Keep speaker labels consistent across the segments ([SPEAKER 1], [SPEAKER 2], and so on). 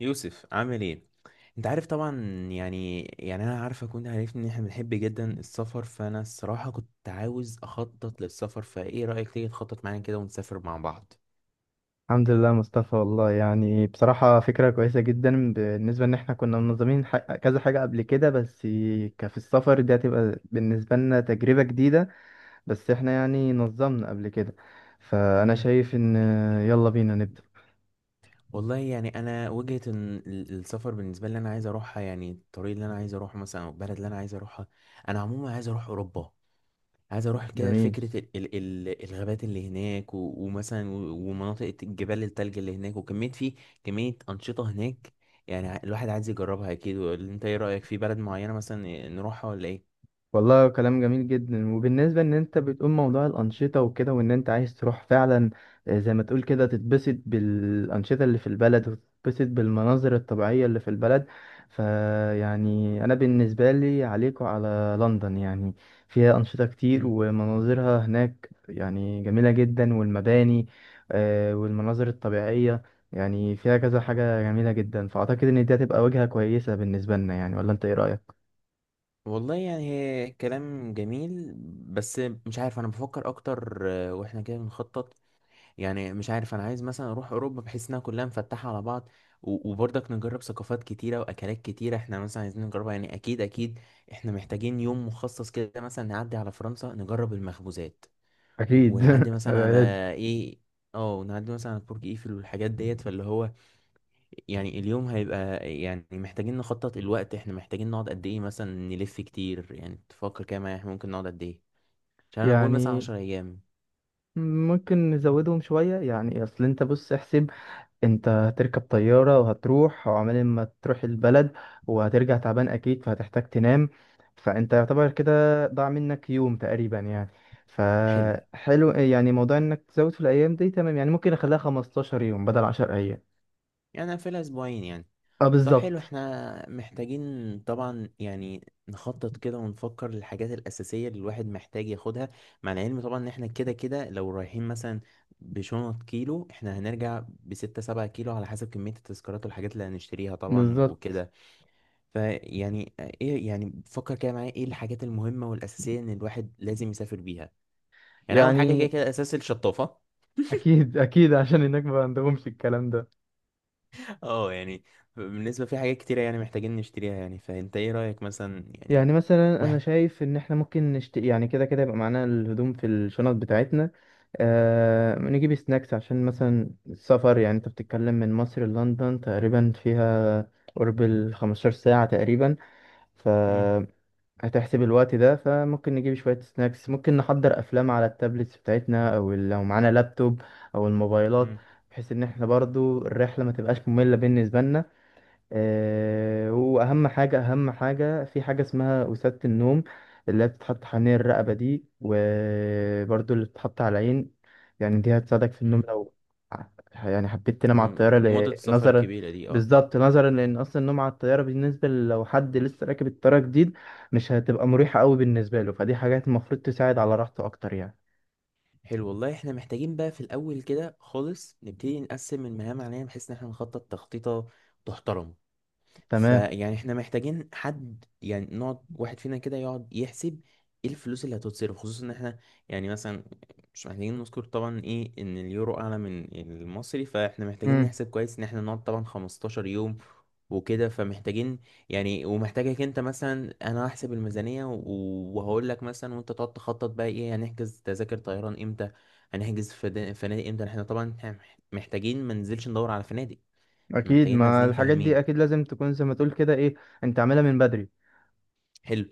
[SPEAKER 1] يوسف عامل ايه؟ انت عارف طبعا. يعني انا عارفك وانت عارفني ان احنا بنحب جدا السفر، فانا الصراحة كنت عاوز اخطط للسفر، فايه رأيك تيجي تخطط معايا كده ونسافر مع بعض.
[SPEAKER 2] الحمد لله مصطفى، والله يعني بصراحة فكرة كويسة جدا بالنسبة إن إحنا كنا منظمين كذا حاجة قبل كده. بس كفي السفر دي هتبقى بالنسبة لنا تجربة جديدة. بس إحنا يعني نظمنا قبل كده. فأنا
[SPEAKER 1] مم.
[SPEAKER 2] شايف إن يلا بينا نبدأ.
[SPEAKER 1] والله يعني انا وجهة إن السفر بالنسبة لي انا عايز اروحها، يعني الطريق اللي انا عايز اروحه مثلا او البلد اللي انا عايز اروحها. انا عموما عايز اروح اوروبا، عايز اروح كده
[SPEAKER 2] جميل.
[SPEAKER 1] فكره ال الغابات اللي هناك ومثلا ومناطق الجبال التلج اللي هناك وكميه في كميه انشطه هناك، يعني الواحد عايز يجربها اكيد. ولا انت ايه رايك في بلد معينه مثلا نروحها ولا ايه؟
[SPEAKER 2] والله كلام جميل جدا، وبالنسبة ان انت بتقول موضوع الانشطة وكده وان انت عايز تروح فعلا. زي ما تقول كده تتبسط بالانشطة اللي في البلد وتتبسط بالمناظر الطبيعية اللي في البلد. فيعني انا بالنسبة لي عليك وعلى لندن، يعني فيها انشطة كتير
[SPEAKER 1] مم.
[SPEAKER 2] ومناظرها هناك يعني جميلة جدا والمباني. والمناظر الطبيعية يعني فيها كذا حاجة جميلة جدا، فأعتقد إن دي هتبقى وجهة كويسة بالنسبة لنا، يعني ولا أنت إيه رأيك؟
[SPEAKER 1] والله يعني هي كلام جميل، بس مش عارف، انا بفكر اكتر. آه، واحنا كده بنخطط، يعني مش عارف، انا عايز مثلا اروح اوروبا بحيث انها كلها مفتحه على بعض، وبرضك نجرب ثقافات كتيره واكلات كتيره احنا مثلا عايزين نجربها، يعني اكيد اكيد. احنا محتاجين يوم مخصص كده مثلا نعدي على فرنسا نجرب المخبوزات،
[SPEAKER 2] أكيد
[SPEAKER 1] ونعدي مثلا على
[SPEAKER 2] لازم.
[SPEAKER 1] ايه، اه نعدي مثلا على برج ايفل والحاجات ديت، فاللي هو يعني اليوم هيبقى، يعني محتاجين نخطط الوقت، احنا محتاجين نقعد قد ايه، مثلا نلف كتير، يعني تفكر كده معايا احنا ممكن نقعد قد ايه، عشان انا بقول مثلا
[SPEAKER 2] يعني
[SPEAKER 1] 10 ايام.
[SPEAKER 2] ممكن نزودهم شوية، يعني أصل أنت بص احسب. أنت هتركب طيارة وهتروح وعمال ما تروح البلد وهترجع تعبان أكيد، فهتحتاج تنام. فأنت يعتبر كده ضاع منك يوم تقريبا يعني.
[SPEAKER 1] حلو،
[SPEAKER 2] فحلو يعني موضوع إنك تزود في الأيام دي تمام، يعني ممكن أخليها 15 يوم بدل 10 أيام.
[SPEAKER 1] يعني أنا في اسبوعين يعني.
[SPEAKER 2] أه
[SPEAKER 1] طب حلو،
[SPEAKER 2] بالظبط.
[SPEAKER 1] احنا محتاجين طبعا يعني نخطط كده ونفكر للحاجات الأساسية اللي الواحد محتاج ياخدها، مع العلم طبعا ان احنا كده كده لو رايحين مثلا بشنط كيلو احنا هنرجع بستة سبعة كيلو على حسب كمية التذكارات والحاجات اللي هنشتريها طبعا
[SPEAKER 2] بالظبط،
[SPEAKER 1] وكده. فيعني ايه، يعني فكر كده معايا ايه الحاجات المهمة والأساسية ان الواحد لازم يسافر بيها. يعني أول حاجة كده
[SPEAKER 2] يعني
[SPEAKER 1] كده أساس الشطافة.
[SPEAKER 2] أكيد أكيد عشان هناك ما عندهمش الكلام ده.
[SPEAKER 1] اه يعني بالنسبة في حاجات كتيرة، يعني محتاجين نشتريها، يعني فأنت ايه رأيك مثلا يعني.
[SPEAKER 2] يعني مثلا انا
[SPEAKER 1] واحد.
[SPEAKER 2] شايف ان احنا ممكن يعني كده كده يبقى معانا الهدوم في الشنط بتاعتنا. نجيب سناكس عشان مثلا السفر، يعني انت بتتكلم من مصر للندن تقريبا فيها قرب ال 15 ساعة تقريبا. ف
[SPEAKER 1] مم.
[SPEAKER 2] هتحسب الوقت ده، فممكن نجيب شوية سناكس، ممكن نحضر أفلام على التابلتس بتاعتنا أو لو معانا لابتوب أو الموبايلات،
[SPEAKER 1] مم.
[SPEAKER 2] بحيث إن احنا برضو الرحلة ما تبقاش مملة بالنسبة لنا. واهم حاجه اهم حاجه في حاجه اسمها وسادة النوم، اللي هي بتتحط حوالين الرقبه دي وبرده اللي بتتحط على العين. يعني دي هتساعدك في النوم
[SPEAKER 1] مم.
[SPEAKER 2] لو ع- يعني حبيت تنام على الطياره،
[SPEAKER 1] مدة السفر
[SPEAKER 2] نظرا.
[SPEAKER 1] الكبيرة دي اه.
[SPEAKER 2] بالظبط، نظرا لان اصلا النوم على الطياره بالنسبه لو حد لسه راكب الطياره جديد مش هتبقى مريحه قوي بالنسبه له، فدي حاجات المفروض تساعد على راحته اكتر يعني.
[SPEAKER 1] حلو والله، احنا محتاجين بقى في الأول كده خالص نبتدي نقسم المهام علينا بحيث ان احنا نخطط تخطيطة تحترم.
[SPEAKER 2] تمام.
[SPEAKER 1] فيعني احنا محتاجين حد، يعني نقعد واحد فينا كده يقعد يحسب ايه الفلوس اللي هتتصرف، خصوصا ان احنا يعني مثلا مش محتاجين نذكر طبعا ايه ان اليورو اعلى من المصري، فاحنا محتاجين
[SPEAKER 2] امم.
[SPEAKER 1] نحسب كويس ان احنا نقعد طبعا 15 يوم وكده، فمحتاجين يعني، ومحتاجك انت مثلا، هحسب الميزانية وهقول لك مثلا، وانت تقعد تخطط بقى ايه، هنحجز تذاكر طيران امتى، هنحجز فنادق امتى. احنا طبعا محتاجين ما ننزلش ندور على فنادق، احنا
[SPEAKER 2] اكيد،
[SPEAKER 1] محتاجين
[SPEAKER 2] ما
[SPEAKER 1] نازلين
[SPEAKER 2] الحاجات دي
[SPEAKER 1] فاهمين.
[SPEAKER 2] اكيد لازم تكون زي ما تقول كده ايه. انت عاملها من بدري.
[SPEAKER 1] حلو،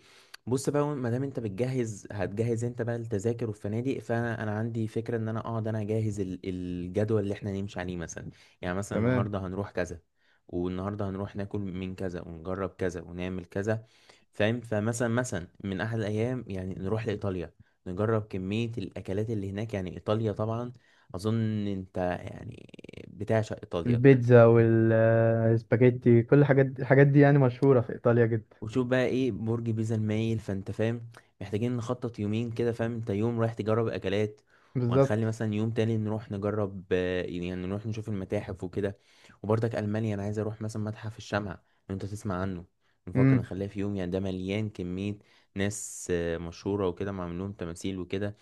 [SPEAKER 1] بص بقى، ما دام انت بتجهز، هتجهز انت بقى التذاكر والفنادق، فانا انا عندي فكره ان انا اقعد انا اجهز الجدول اللي احنا نمشي عليه مثلا، يعني مثلا
[SPEAKER 2] تمام.
[SPEAKER 1] النهارده هنروح كذا، والنهارده هنروح ناكل من كذا ونجرب كذا ونعمل كذا، فاهم؟ فمثلا من احد الايام يعني نروح لايطاليا نجرب كميه الاكلات اللي هناك، يعني ايطاليا طبعا اظن انت يعني بتعشق ايطاليا،
[SPEAKER 2] البيتزا والسباجيتي كل الحاجات دي الحاجات دي يعني مشهورة في إيطاليا جدا.
[SPEAKER 1] وشوف بقى ايه برج بيزا المايل، فانت فاهم محتاجين نخطط يومين كده. فاهم انت، يوم رايح تجرب اكلات، وهنخلي
[SPEAKER 2] بالظبط.
[SPEAKER 1] مثلا يوم تاني نروح نجرب يعني نروح نشوف المتاحف وكده. وبرضك المانيا انا عايز اروح مثلا متحف الشمع لو انت تسمع عنه، نفكر
[SPEAKER 2] امم.
[SPEAKER 1] نخليها في يوم، يعني ده مليان كمية ناس مشهورة وكده، معمول لهم تماثيل وكده.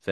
[SPEAKER 1] ف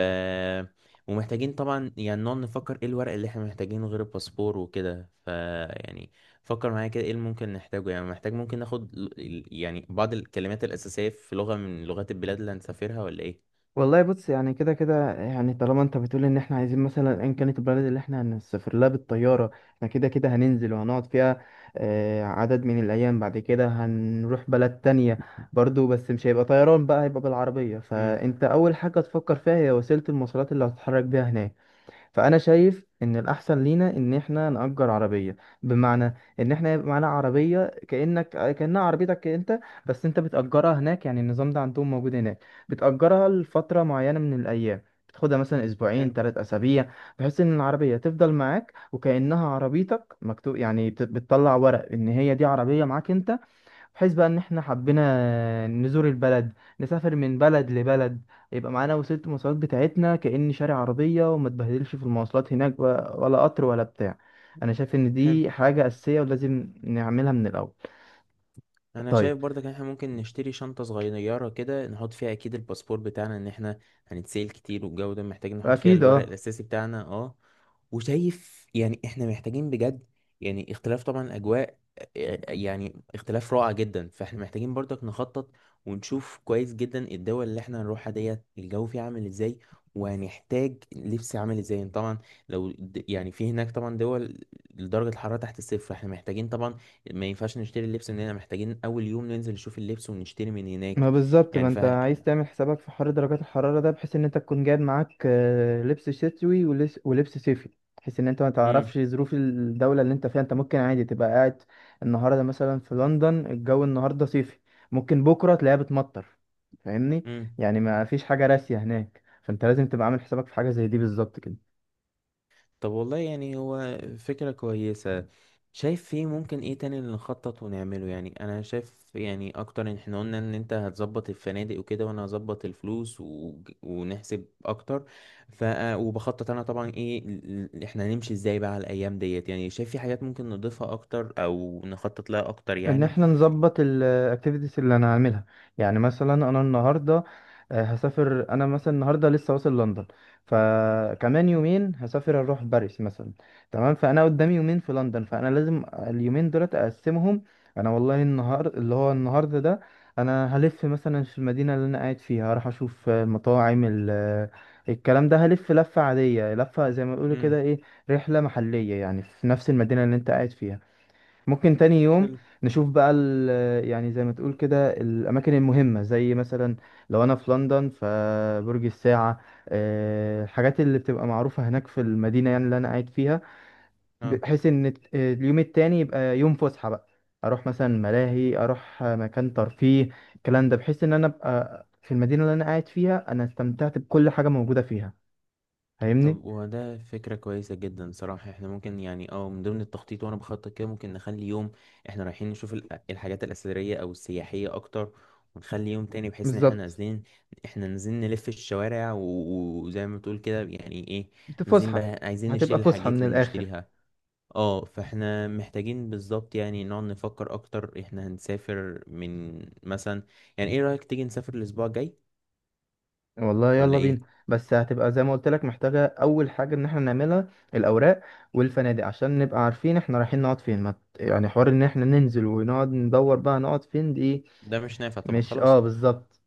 [SPEAKER 1] ومحتاجين طبعا يعني نقعد نفكر ايه الورق اللي احنا محتاجينه غير الباسبور وكده، ف يعني فكر معايا كده ايه اللي ممكن نحتاجه، يعني محتاج ممكن ناخد يعني بعض الكلمات الأساسية في لغة من لغات البلاد اللي هنسافرها ولا ايه؟
[SPEAKER 2] والله بص يعني كده كده، يعني طالما انت بتقول ان احنا عايزين مثلا ان كانت البلد اللي احنا هنسافر لها بالطياره، احنا كده كده هننزل وهنقعد فيها. عدد من الايام بعد كده هنروح بلد تانية برضو. بس مش هيبقى طيران بقى، هيبقى بالعربيه،
[SPEAKER 1] امم.
[SPEAKER 2] فانت اول حاجه تفكر فيها هي وسيله المواصلات اللي هتتحرك بيها هناك. فانا شايف ان الاحسن لينا ان احنا نأجر عربيه. بمعنى ان احنا يبقى معانا عربيه، كانها عربيتك انت، بس انت بتأجرها هناك، يعني النظام ده عندهم موجود هناك. بتأجرها لفتره معينه من الايام، بتاخدها مثلا اسبوعين
[SPEAKER 1] حلو.
[SPEAKER 2] 3 اسابيع، بحيث ان العربيه تفضل معاك وكانها عربيتك، مكتوب يعني، بتطلع ورق ان هي دي عربيه معاك انت. بحيث بقى ان احنا حبينا نزور البلد نسافر من بلد لبلد، يبقى معانا وسيلة المواصلات بتاعتنا كأن شارع عربية، وما تبهدلش في المواصلات هناك ولا قطر ولا بتاع. انا شايف ان
[SPEAKER 1] حلو،
[SPEAKER 2] دي حاجة أساسية ولازم نعملها من الأول.
[SPEAKER 1] انا
[SPEAKER 2] طيب.
[SPEAKER 1] شايف برضك ان احنا ممكن نشتري شنطة صغيرة كده نحط فيها اكيد الباسبور بتاعنا، ان احنا هنتسال كتير والجو ده، محتاجين نحط فيها
[SPEAKER 2] اكيد
[SPEAKER 1] الورق
[SPEAKER 2] اه.
[SPEAKER 1] الاساسي بتاعنا اه. وشايف يعني احنا محتاجين بجد، يعني اختلاف طبعا اجواء، يعني اختلاف رائع جدا، فاحنا محتاجين برضك نخطط ونشوف كويس جدا الدول اللي احنا هنروحها ديت الجو فيها عامل ازاي، وهنحتاج لبس عامل ازاي. يعني طبعا يعني في هناك طبعا دول درجة الحرارة تحت الصفر، احنا محتاجين طبعا ما ينفعش نشتري اللبس من هنا، محتاجين اول يوم ننزل نشوف اللبس ونشتري من
[SPEAKER 2] ما
[SPEAKER 1] هناك.
[SPEAKER 2] بالظبط، ما
[SPEAKER 1] يعني ف
[SPEAKER 2] انت عايز تعمل حسابك في حر درجات الحرارة ده بحيث ان انت تكون جايب معاك لبس شتوي ولبس صيفي. بحيث ان انت ما تعرفش ظروف الدولة اللي انت فيها، انت ممكن عادي تبقى قاعد. النهاردة مثلا في لندن الجو النهاردة صيفي، ممكن بكرة تلاقيها بتمطر. فاهمني؟
[SPEAKER 1] امم.
[SPEAKER 2] يعني ما فيش حاجة راسية هناك، فانت لازم تبقى عامل حسابك في حاجة زي دي بالظبط كده.
[SPEAKER 1] طب والله يعني هو فكرة كويسة، شايف فيه ممكن ايه تاني اللي نخطط ونعمله؟ يعني انا شايف يعني اكتر ان احنا قلنا ان انت هتظبط الفنادق وكده، وانا هظبط الفلوس و... ونحسب اكتر، ف آه، وبخطط انا طبعا ايه احنا هنمشي ازاي بقى على الايام ديت، يعني شايف في حاجات ممكن نضيفها اكتر او نخطط لها اكتر
[SPEAKER 2] ان
[SPEAKER 1] يعني.
[SPEAKER 2] احنا نظبط الاكتيفيتيز اللي انا هعملها. يعني مثلا انا النهارده هسافر، انا مثلا النهارده لسه واصل لندن، فكمان يومين هسافر اروح باريس مثلا. تمام. فانا قدامي يومين في لندن، فانا لازم اليومين دولت اقسمهم. انا والله النهار اللي هو النهارده ده، انا هلف مثلا في المدينه اللي انا قاعد فيها، هروح اشوف المطاعم الكلام ده، هلف لفه عاديه، لفه زي ما بيقولوا
[SPEAKER 1] امم.
[SPEAKER 2] كده ايه. رحله محليه، يعني في نفس المدينه اللي انت قاعد فيها. ممكن تاني يوم
[SPEAKER 1] حلو.
[SPEAKER 2] نشوف بقى يعني زي ما تقول كده الأماكن المهمة، زي مثلا لو أنا في لندن فبرج الساعة، الحاجات اللي بتبقى معروفة هناك في المدينة يعني اللي أنا قاعد فيها. بحيث إن اليوم التاني يبقى يوم فسحة بقى، أروح مثلا ملاهي، أروح مكان ترفيه الكلام ده، بحيث إن أنا أبقى في المدينة اللي أنا قاعد فيها أنا استمتعت بكل حاجة موجودة فيها. فاهمني؟
[SPEAKER 1] طب وده فكرة كويسة جدا صراحة، احنا ممكن يعني اه من ضمن التخطيط وانا بخطط كده ممكن نخلي يوم احنا رايحين نشوف الحاجات الأثرية او السياحية اكتر، ونخلي يوم تاني بحيث ان احنا
[SPEAKER 2] بالظبط،
[SPEAKER 1] نازلين، احنا نازلين نلف الشوارع وزي ما بتقول كده يعني ايه، نازلين
[SPEAKER 2] فسحة
[SPEAKER 1] بقى عايزين
[SPEAKER 2] هتبقى
[SPEAKER 1] نشتري
[SPEAKER 2] فسحة
[SPEAKER 1] الحاجات
[SPEAKER 2] من
[SPEAKER 1] اللي
[SPEAKER 2] الآخر.
[SPEAKER 1] نشتريها اه. فاحنا محتاجين بالظبط يعني نقعد نفكر اكتر، احنا هنسافر من مثلا، يعني ايه رأيك تيجي نسافر الاسبوع الجاي
[SPEAKER 2] والله
[SPEAKER 1] ولا
[SPEAKER 2] يلا بينا.
[SPEAKER 1] ايه؟
[SPEAKER 2] بس هتبقى زي ما قلت لك محتاجة أول حاجة إن احنا نعملها، الأوراق والفنادق عشان نبقى عارفين احنا رايحين نقعد فين، ما ت- يعني حوار إن احنا ننزل ونقعد ندور بقى نقعد فين دي.
[SPEAKER 1] ده مش نافع طبعا
[SPEAKER 2] مش
[SPEAKER 1] خلاص.
[SPEAKER 2] اه بالظبط.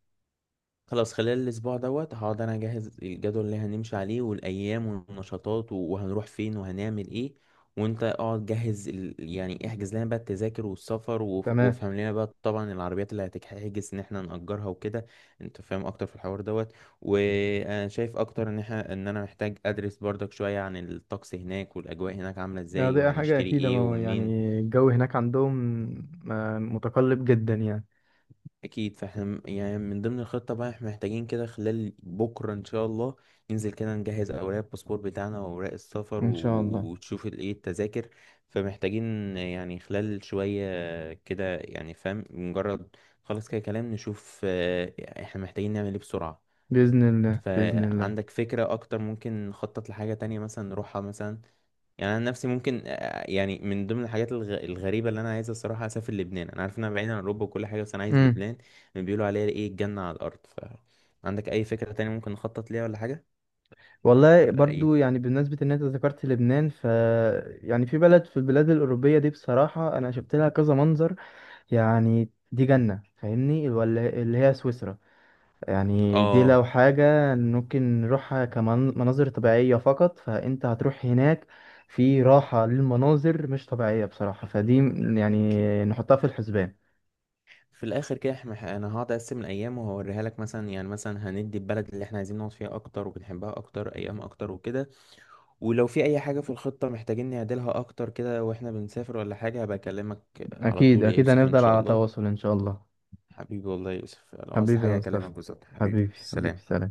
[SPEAKER 1] خلاص، خلال الأسبوع دوت هقعد أنا أجهز الجدول اللي هنمشي عليه والأيام والنشاطات وهنروح فين وهنعمل إيه، وأنت اقعد جهز ال... يعني احجز لنا بقى التذاكر والسفر وف...
[SPEAKER 2] تمام.
[SPEAKER 1] وافهم لنا بقى طبعا العربيات اللي هتحجز إن احنا نأجرها وكده، أنت فاهم أكتر في الحوار دوت. وأنا شايف أكتر إن احنا إن أنا محتاج أدرس برضك شوية عن الطقس هناك والأجواء هناك عاملة إزاي
[SPEAKER 2] دي حاجة
[SPEAKER 1] وهنشتري
[SPEAKER 2] أكيد، ما
[SPEAKER 1] إيه
[SPEAKER 2] هو يعني
[SPEAKER 1] ومنين.
[SPEAKER 2] الجو هناك عندهم متقلب جدا يعني.
[SPEAKER 1] اكيد، يعني من ضمن الخطه بقى احنا محتاجين كده خلال بكره ان شاء الله ننزل كده نجهز اوراق الباسبور بتاعنا واوراق السفر،
[SPEAKER 2] إن شاء الله.
[SPEAKER 1] وتشوف ايه التذاكر. فمحتاجين يعني خلال شويه كده، يعني فاهم، مجرد خلاص كده كلام نشوف احنا محتاجين نعمل ايه بسرعه.
[SPEAKER 2] بإذن الله بإذن الله.
[SPEAKER 1] فعندك فكره اكتر ممكن نخطط لحاجه تانية مثلا نروحها مثلا؟ يعني انا نفسي ممكن يعني من ضمن الحاجات الغريبه اللي انا عايز الصراحه اسافر لبنان، انا عارف انها بعيده عن اوروبا وكل حاجه بس انا عايز
[SPEAKER 2] امم.
[SPEAKER 1] لبنان، بيقولوا عليها ايه الجنه على الارض. ف عندك اي فكره تانية ممكن نخطط ليها ولا حاجه
[SPEAKER 2] والله
[SPEAKER 1] ولا ايه؟
[SPEAKER 2] برضو، يعني بالنسبة إن أنت ذكرت لبنان، يعني في بلد في البلاد الأوروبية دي بصراحة أنا شفت لها كذا منظر. يعني دي جنة فاهمني، ولا اللي هي سويسرا. يعني دي
[SPEAKER 1] اه
[SPEAKER 2] لو حاجة ممكن نروحها كمناظر طبيعية فقط، فأنت هتروح هناك في راحة للمناظر مش طبيعية بصراحة، فدي يعني
[SPEAKER 1] اكيد.
[SPEAKER 2] نحطها في الحسبان.
[SPEAKER 1] في الاخر كده احنا انا هقعد اقسم الايام وهوريها لك مثلا، يعني مثلا هندي البلد اللي احنا عايزين نقعد فيها اكتر وبنحبها اكتر ايام اكتر وكده، ولو في اي حاجه في الخطه محتاجين نعدلها اكتر كده واحنا بنسافر ولا حاجه هبقى اكلمك على
[SPEAKER 2] أكيد
[SPEAKER 1] طول يا
[SPEAKER 2] أكيد
[SPEAKER 1] يوسف ان
[SPEAKER 2] هنفضل
[SPEAKER 1] شاء
[SPEAKER 2] على
[SPEAKER 1] الله.
[SPEAKER 2] تواصل إن شاء الله.
[SPEAKER 1] حبيبي والله يا يوسف، لو عاوزت
[SPEAKER 2] حبيبي يا
[SPEAKER 1] حاجة
[SPEAKER 2] مصطفى،
[SPEAKER 1] أكلمك بالظبط. حبيبي
[SPEAKER 2] حبيبي حبيبي
[SPEAKER 1] سلام.
[SPEAKER 2] سلام.